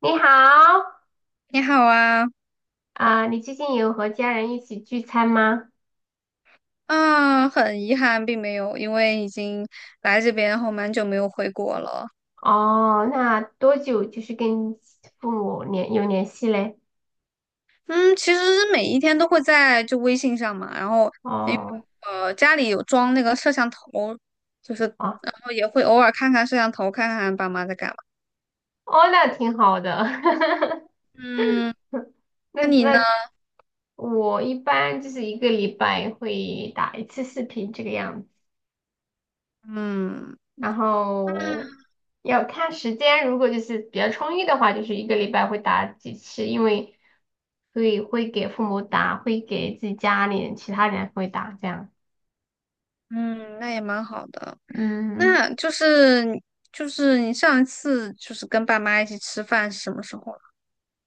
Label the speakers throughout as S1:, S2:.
S1: 你好，
S2: 你好啊。
S1: 啊、你最近有和家人一起聚餐吗？
S2: 啊，很遗憾，并没有，因为已经来这边后蛮久没有回国了。
S1: 哦，那多久就是跟父母有联系嘞？
S2: 嗯，其实每一天都会在就微信上嘛，然后因为
S1: 哦，
S2: 家里有装那个摄像头，就是
S1: 哦，
S2: 然后也会偶尔看看摄像头，看看爸妈在干嘛。
S1: 哦，那挺好的。
S2: 嗯，
S1: 那
S2: 那你呢？
S1: 那我一般就是一个礼拜会打一次视频这个样子，
S2: 嗯，
S1: 然后要看时间，如果就是比较充裕的话，就是一个礼拜会打几次，因为会给父母打，会给自己家里人、其他人会打这样。
S2: 嗯，那也蛮好的。
S1: 嗯。
S2: 那就是你上一次就是跟爸妈一起吃饭是什么时候了？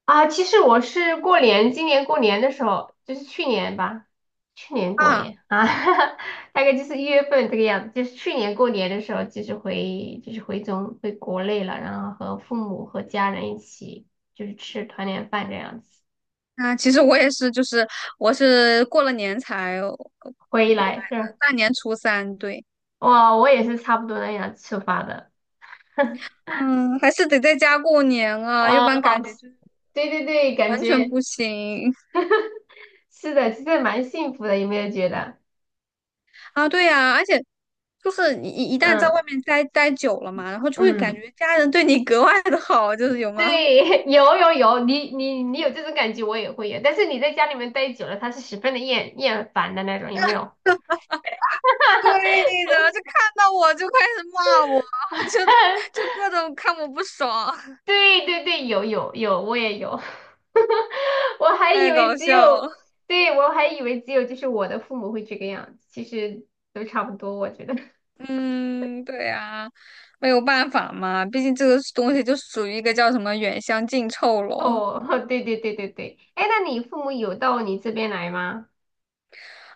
S1: 啊，其实我是过年，今年过年的时候，就是去年吧，去年过
S2: 啊，
S1: 年啊，大概就是1月份这个样子，就是去年过年的时候，就是回国内了，然后和父母和家人一起就是吃团年饭这样子，
S2: 啊，其实我也是，就是我是过了年才
S1: 回
S2: 过
S1: 来
S2: 来的，
S1: 是
S2: 大年初三，对。
S1: 哇，我也是差不多那样出发的，
S2: 嗯，还是得在家过年啊，要
S1: 啊，
S2: 不然
S1: 好，
S2: 感觉就是
S1: 对对对，感
S2: 完全
S1: 觉
S2: 不行
S1: 是的，其实蛮幸福的，有没有觉得？
S2: 啊。对呀，而且就是你一旦在
S1: 嗯
S2: 外面待久了嘛，然后就会感
S1: 嗯。
S2: 觉家人对你格外的好，就是有吗？
S1: 对，有有有，你有这种感觉，我也会有。但是你在家里面待久了，他是十分的厌烦的那种，有没有？
S2: 对的，就看到我就开始骂我，就 就各种看我不爽，
S1: 对对对，有有有，我也有。我还以
S2: 太
S1: 为
S2: 搞
S1: 只有，
S2: 笑了。
S1: 对，我还以为只有就是我的父母会这个样子，其实都差不多，我觉得。
S2: 嗯，对呀，没有办法嘛，毕竟这个东西就属于一个叫什么"远香近臭" 咯。
S1: 哦，对对对对对，哎，那你父母有到你这边来吗？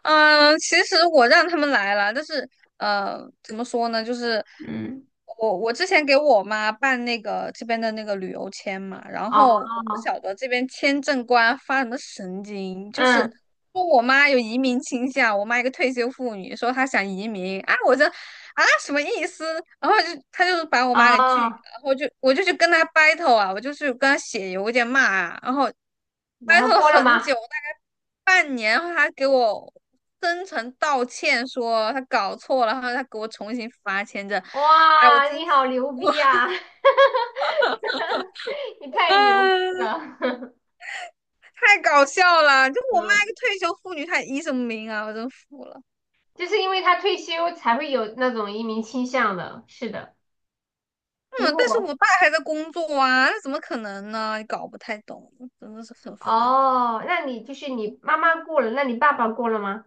S2: 嗯，其实我让他们来了，但是，怎么说呢，就是
S1: 嗯，
S2: 我之前给我妈办那个这边的那个旅游签嘛，然后我不
S1: 哦，
S2: 晓得这边签证官发什么神经，就是
S1: 嗯，
S2: 说我妈有移民倾向，我妈一个退休妇女说她想移民啊，我这啊什么意思？然后就他就是把我妈给拒，
S1: 哦，
S2: 我就去跟他 battle 啊，我就去跟他写邮件骂啊，然后
S1: 然后
S2: battle
S1: 过了
S2: 很
S1: 吗？
S2: 久，大概半年，然后他给我真诚道歉，说他搞错了，然后他给我重新发签证。哎，我
S1: 哇，
S2: 真。
S1: 你好牛
S2: 我
S1: 逼啊！你 太牛逼
S2: 啊，
S1: 了，
S2: 太搞笑了！就 我妈一
S1: 嗯，
S2: 个退休妇女，她医什么名啊？我真服了。
S1: 就是因为他退休才会有那种移民倾向的，是的。如
S2: 嗯，但是
S1: 果
S2: 我爸还在工作啊，那怎么可能呢？搞不太懂，真的是很烦。
S1: 哦，那你就是你妈妈过了，那你爸爸过了吗？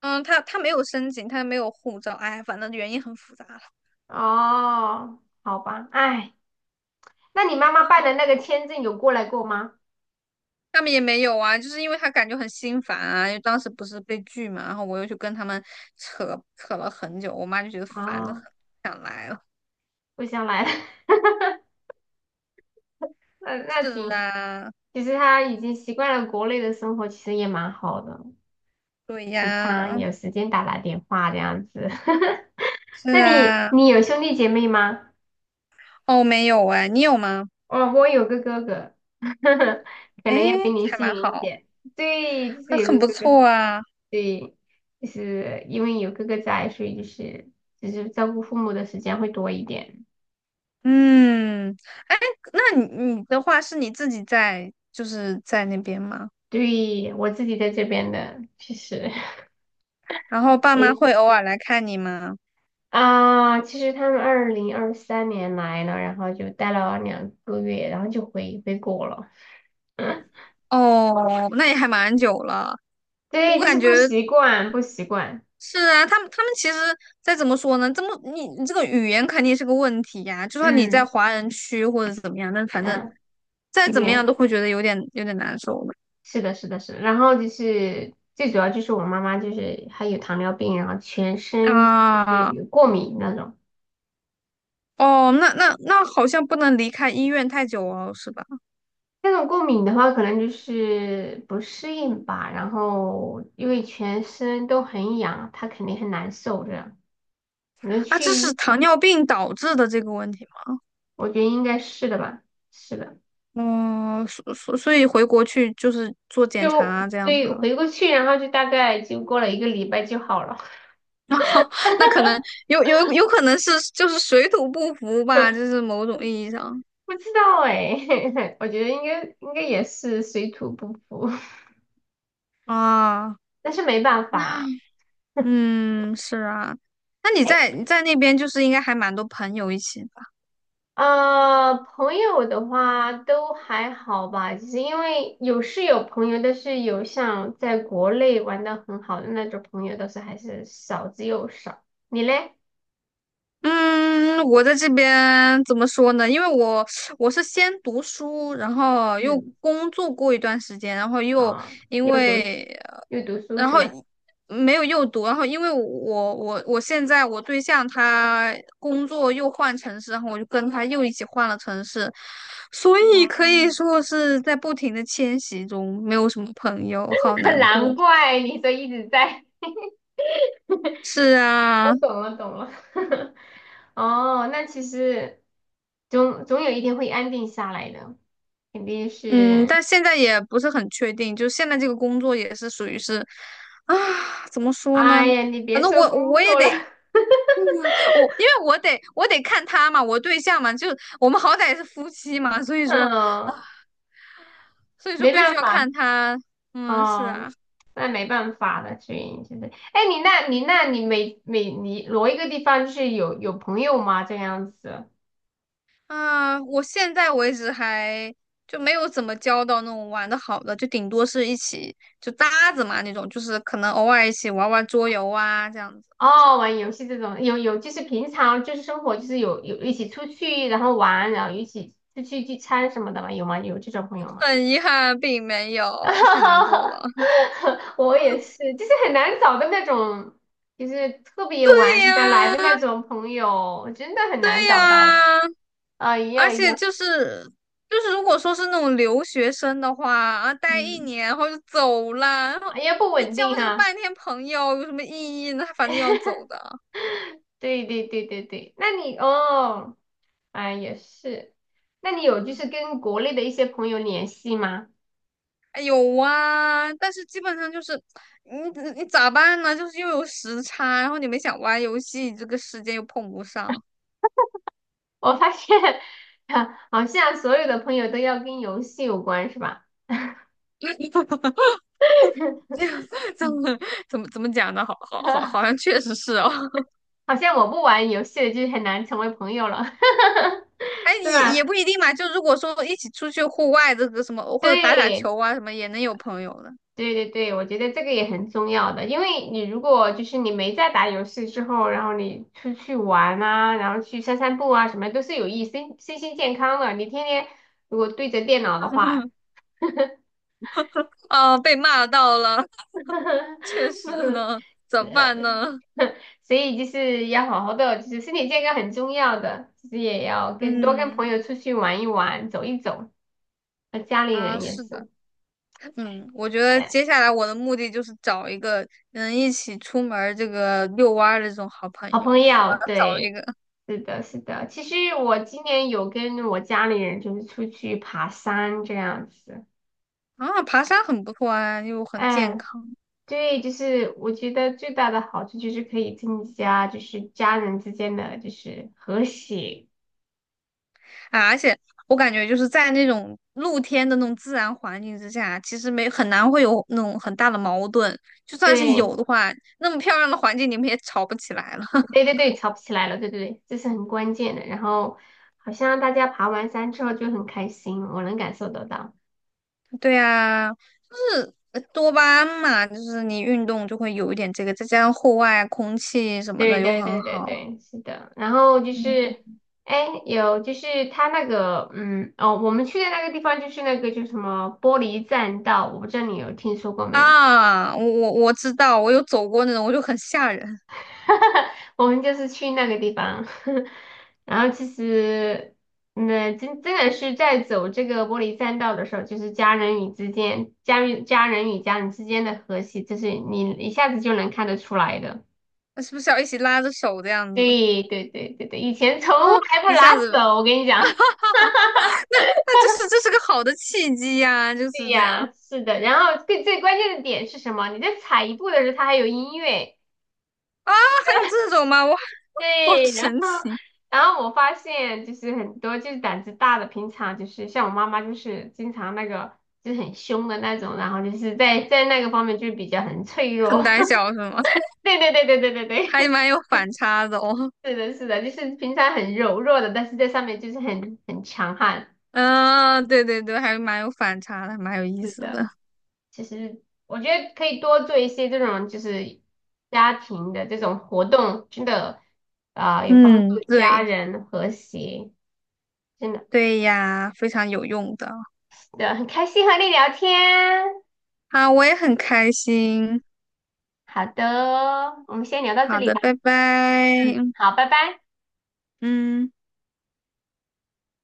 S2: 嗯，他他没有申请，他没有护照，哎，反正原因很复杂了。
S1: 哦，好吧，哎，那你妈妈办的那个签证有过来过吗？
S2: 他们也没有啊，就是因为他感觉很心烦啊，因为当时不是被拒嘛，然后我又去跟他们扯，扯了很久，我妈就觉得烦得很，
S1: 哦，
S2: 不想来了。
S1: 不想来了 那那
S2: 是
S1: 挺，
S2: 啊，
S1: 其实他已经习惯了国内的生活，其实也蛮好的，
S2: 对
S1: 平常
S2: 呀，
S1: 有时间打打电话这样子。那
S2: 是
S1: 你
S2: 啊。
S1: 你有兄弟姐妹吗？
S2: 哦，没有哎，你有吗？
S1: 哦，我有个哥哥，可
S2: 哎，
S1: 能要比你
S2: 还
S1: 幸
S2: 蛮
S1: 运一
S2: 好，
S1: 点。对，就是
S2: 还
S1: 有
S2: 很
S1: 个
S2: 不
S1: 哥哥，
S2: 错啊。
S1: 对，就是因为有哥哥在，所以就是就是照顾父母的时间会多一点。
S2: 嗯，哎，那你你的话是你自己在，就是在那边吗？
S1: 对，我自己在这边的，其实
S2: 然后 爸妈
S1: 也
S2: 会偶尔来看你吗？
S1: 啊，其实他们2023年来了，然后就待了2个月，然后就回国了。
S2: 哦，那也还蛮久了。
S1: 对，
S2: 我
S1: 就
S2: 感
S1: 是不
S2: 觉
S1: 习惯，不习惯。
S2: 是啊，他们其实再怎么说呢，这么你这个语言肯定是个问题呀、就算你在
S1: 嗯
S2: 华人区或者怎么样，但反正
S1: 嗯，
S2: 再
S1: 语
S2: 怎么样
S1: 言
S2: 都会觉得有点难受
S1: 是的，是的，是的。然后就是最主要就是我妈妈就是还有糖尿病，然后全
S2: 的
S1: 身就是
S2: 啊。
S1: 有过敏那种。
S2: 哦，那好像不能离开医院太久哦，是吧？
S1: 那种过敏的话，可能就是不适应吧。然后因为全身都很痒，她肯定很难受这样。可能
S2: 啊，这是
S1: 去，
S2: 糖尿病导致的这个问题吗？
S1: 我觉得应该是的吧。是的，
S2: 哦，所以回国去就是做检查
S1: 就
S2: 啊，这样子
S1: 对，
S2: 了。
S1: 回过去，然后就大概就过了一个礼拜就好了。
S2: 然后那可能有可能是就是水土不服吧，就是某种意义上
S1: 不知道哎、我觉得应该也是水土不服，
S2: 啊。
S1: 但是没办
S2: 那
S1: 法。
S2: 嗯，是啊，那你在那边就是应该还蛮多朋友一起吧？
S1: 啊，朋友的话都还好吧，就是因为有是有朋友，但是有像在国内玩的很好的那种朋友，倒是还是少之又少。你嘞？
S2: 嗯，我在这边怎么说呢？因为我是先读书，然后又
S1: 嗯，
S2: 工作过一段时间，然后又
S1: 啊、
S2: 因
S1: 又读书，
S2: 为呃
S1: 又读书
S2: 然
S1: 是
S2: 后
S1: 吧？
S2: 没有又读，然后因为我现在我对象他工作又换城市，然后我就跟他又一起换了城市，所以
S1: 哦，
S2: 可以说是在不停的迁徙中，没有什么朋友，好 难过。
S1: 难怪你说一直在。
S2: 是
S1: 我
S2: 啊，
S1: 懂了，懂了。哦，那其实总有一天会安定下来的，肯定
S2: 嗯，
S1: 是。
S2: 但现在也不是很确定，就现在这个工作也是属于是，啊，怎么说呢？
S1: 哎呀，你
S2: 反
S1: 别
S2: 正
S1: 说
S2: 我
S1: 工
S2: 我也
S1: 作了，
S2: 得我，因为我得看他嘛，我对象嘛，就我们好歹是夫妻嘛，
S1: 嗯。
S2: 所以说
S1: 没
S2: 必
S1: 办
S2: 须要
S1: 法，
S2: 看他。嗯，是啊。
S1: 哦，那没办法了，所以就是，哎，你那，你那，你每每你挪一个地方，就是有有朋友吗？这样子？
S2: 啊，我现在为止还就没有怎么交到那种玩的好的，就顶多是一起就搭子嘛那种，就是可能偶尔一起玩玩桌游啊这样子。
S1: 哦，玩游戏这种，有有，就是平常就是生活就是有一起出去，然后玩，然后一起出去聚餐什么的吗？有吗？有这种朋友吗？
S2: 很遗憾，并没有，太难过了。
S1: 我也是，就是很难找的那种就是特别
S2: 对
S1: 玩得来的那
S2: 呀，
S1: 种朋友，真的很
S2: 对
S1: 难找到的
S2: 呀，
S1: 啊，一
S2: 而
S1: 样一
S2: 且
S1: 样，
S2: 就是，如果说是那种留学生的话啊，待一
S1: 嗯。
S2: 年然后就走了，然
S1: 啊
S2: 后
S1: 也不
S2: 你
S1: 稳定
S2: 交这个
S1: 哈。
S2: 半天朋友有什么意义呢？他反正要走的。
S1: 对对对对对，那你哦，啊也是，那你有就
S2: 嗯，
S1: 是跟国内的一些朋友联系吗？
S2: 哎有啊，但是基本上就是你你咋办呢？就是又有时差，然后你们想玩游戏，这个时间又碰不上。
S1: 我发现 好像所有的朋友都要跟游戏有关，是吧？
S2: 这样 这样
S1: 嗯
S2: 怎么讲呢？好好好，好像确实是哦。
S1: 好像我不玩游戏的就很难成为朋友了，
S2: 哎，
S1: 是
S2: 也
S1: 吧？
S2: 不一定嘛。就如果说一起出去户外这个什么，或者打打
S1: 对。
S2: 球啊什么，也能有朋友的。
S1: 对对对，我觉得这个也很重要的，因为你如果就是你没在打游戏之后，然后你出去玩啊，然后去散散步啊，什么都是有益身心健康的。你天天如果对着电脑的话，
S2: 啊，被骂到了，确 实
S1: 呃
S2: 呢，怎么办呢？
S1: 所以就是要好好的，就是身体健康很重要的，其实也要跟多跟
S2: 嗯，
S1: 朋友出去玩一玩，走一走，和家里
S2: 啊，
S1: 人也
S2: 是的。
S1: 是。
S2: 嗯，我觉得接下来我的目的就是找一个能一起出门儿这个遛弯儿的这种好朋
S1: 好
S2: 友，
S1: 朋
S2: 我要
S1: 友，
S2: 找一
S1: 对，
S2: 个。
S1: 是的，是的。其实我今年有跟我家里人就是出去爬山这样子，
S2: 啊，爬山很不错啊，又很健
S1: 嗯，
S2: 康。
S1: 对，就是我觉得最大的好处就是可以增加就是家人之间的就是和谐，
S2: 啊，而且我感觉就是在那种露天的那种自然环境之下，其实没很难会有那种很大的矛盾。就算是
S1: 对，
S2: 有的话，那么漂亮的环境你们也吵不起来了。
S1: 对 对对，吵不起来了，对对对，这是很关键的。然后好像大家爬完山之后就很开心，我能感受得到。
S2: 对呀，就是多巴胺嘛，就是你运动就会有一点这个，再加上户外空气什么的
S1: 对
S2: 又
S1: 对
S2: 很
S1: 对对
S2: 好
S1: 对，是的。然后就是，哎，有就是他那个，嗯，哦，我们去的那个地方就是那个叫什么玻璃栈道，我不知道你有听说过没有？
S2: 啊。我知道，我有走过那种，我就很吓人。
S1: 我们就是去那个地方，然后其实，那、真真的是在走这个玻璃栈道的时候，就是家人与之间，家人与家人之间的和谐，就是你一下子就能看得出来的。
S2: 那是不是要一起拉着手这样子？
S1: 对对对对对，以前从
S2: 啊，
S1: 来不
S2: 一
S1: 拉
S2: 下子，
S1: 手，我跟你讲。
S2: 那这是个好的契机呀，就
S1: 对
S2: 是这样。
S1: 呀，是的。然后最最关键的点是什么？你在踩一步的时候，它还有音乐。
S2: 还有这种吗？哇，好
S1: 对，然后
S2: 神奇。
S1: 然后我发现就是很多就是胆子大的，平常就是像我妈妈就是经常那个就是很凶的那种，然后就是在那个方面就是比较很脆弱。
S2: 很胆 小是吗？
S1: 对对对对对对
S2: 还
S1: 对，
S2: 蛮有反差的哦。
S1: 是的，是的，就是平常很柔弱的，但是在上面就是很强悍。
S2: 嗯、对对对，还蛮有反差的，蛮有意
S1: 是
S2: 思的。
S1: 的。其实我觉得可以多做一些这种就是家庭的这种活动，真的啊、有帮
S2: 嗯，
S1: 助家
S2: 对，
S1: 人和谐，真的，
S2: 对呀，非常有用的。
S1: 对，很开心和你聊天。
S2: 好，我也很开心。
S1: 好的哦，我们先聊到这
S2: 好
S1: 里
S2: 的，
S1: 吧。
S2: 拜拜。
S1: 嗯，好，拜拜。
S2: 嗯。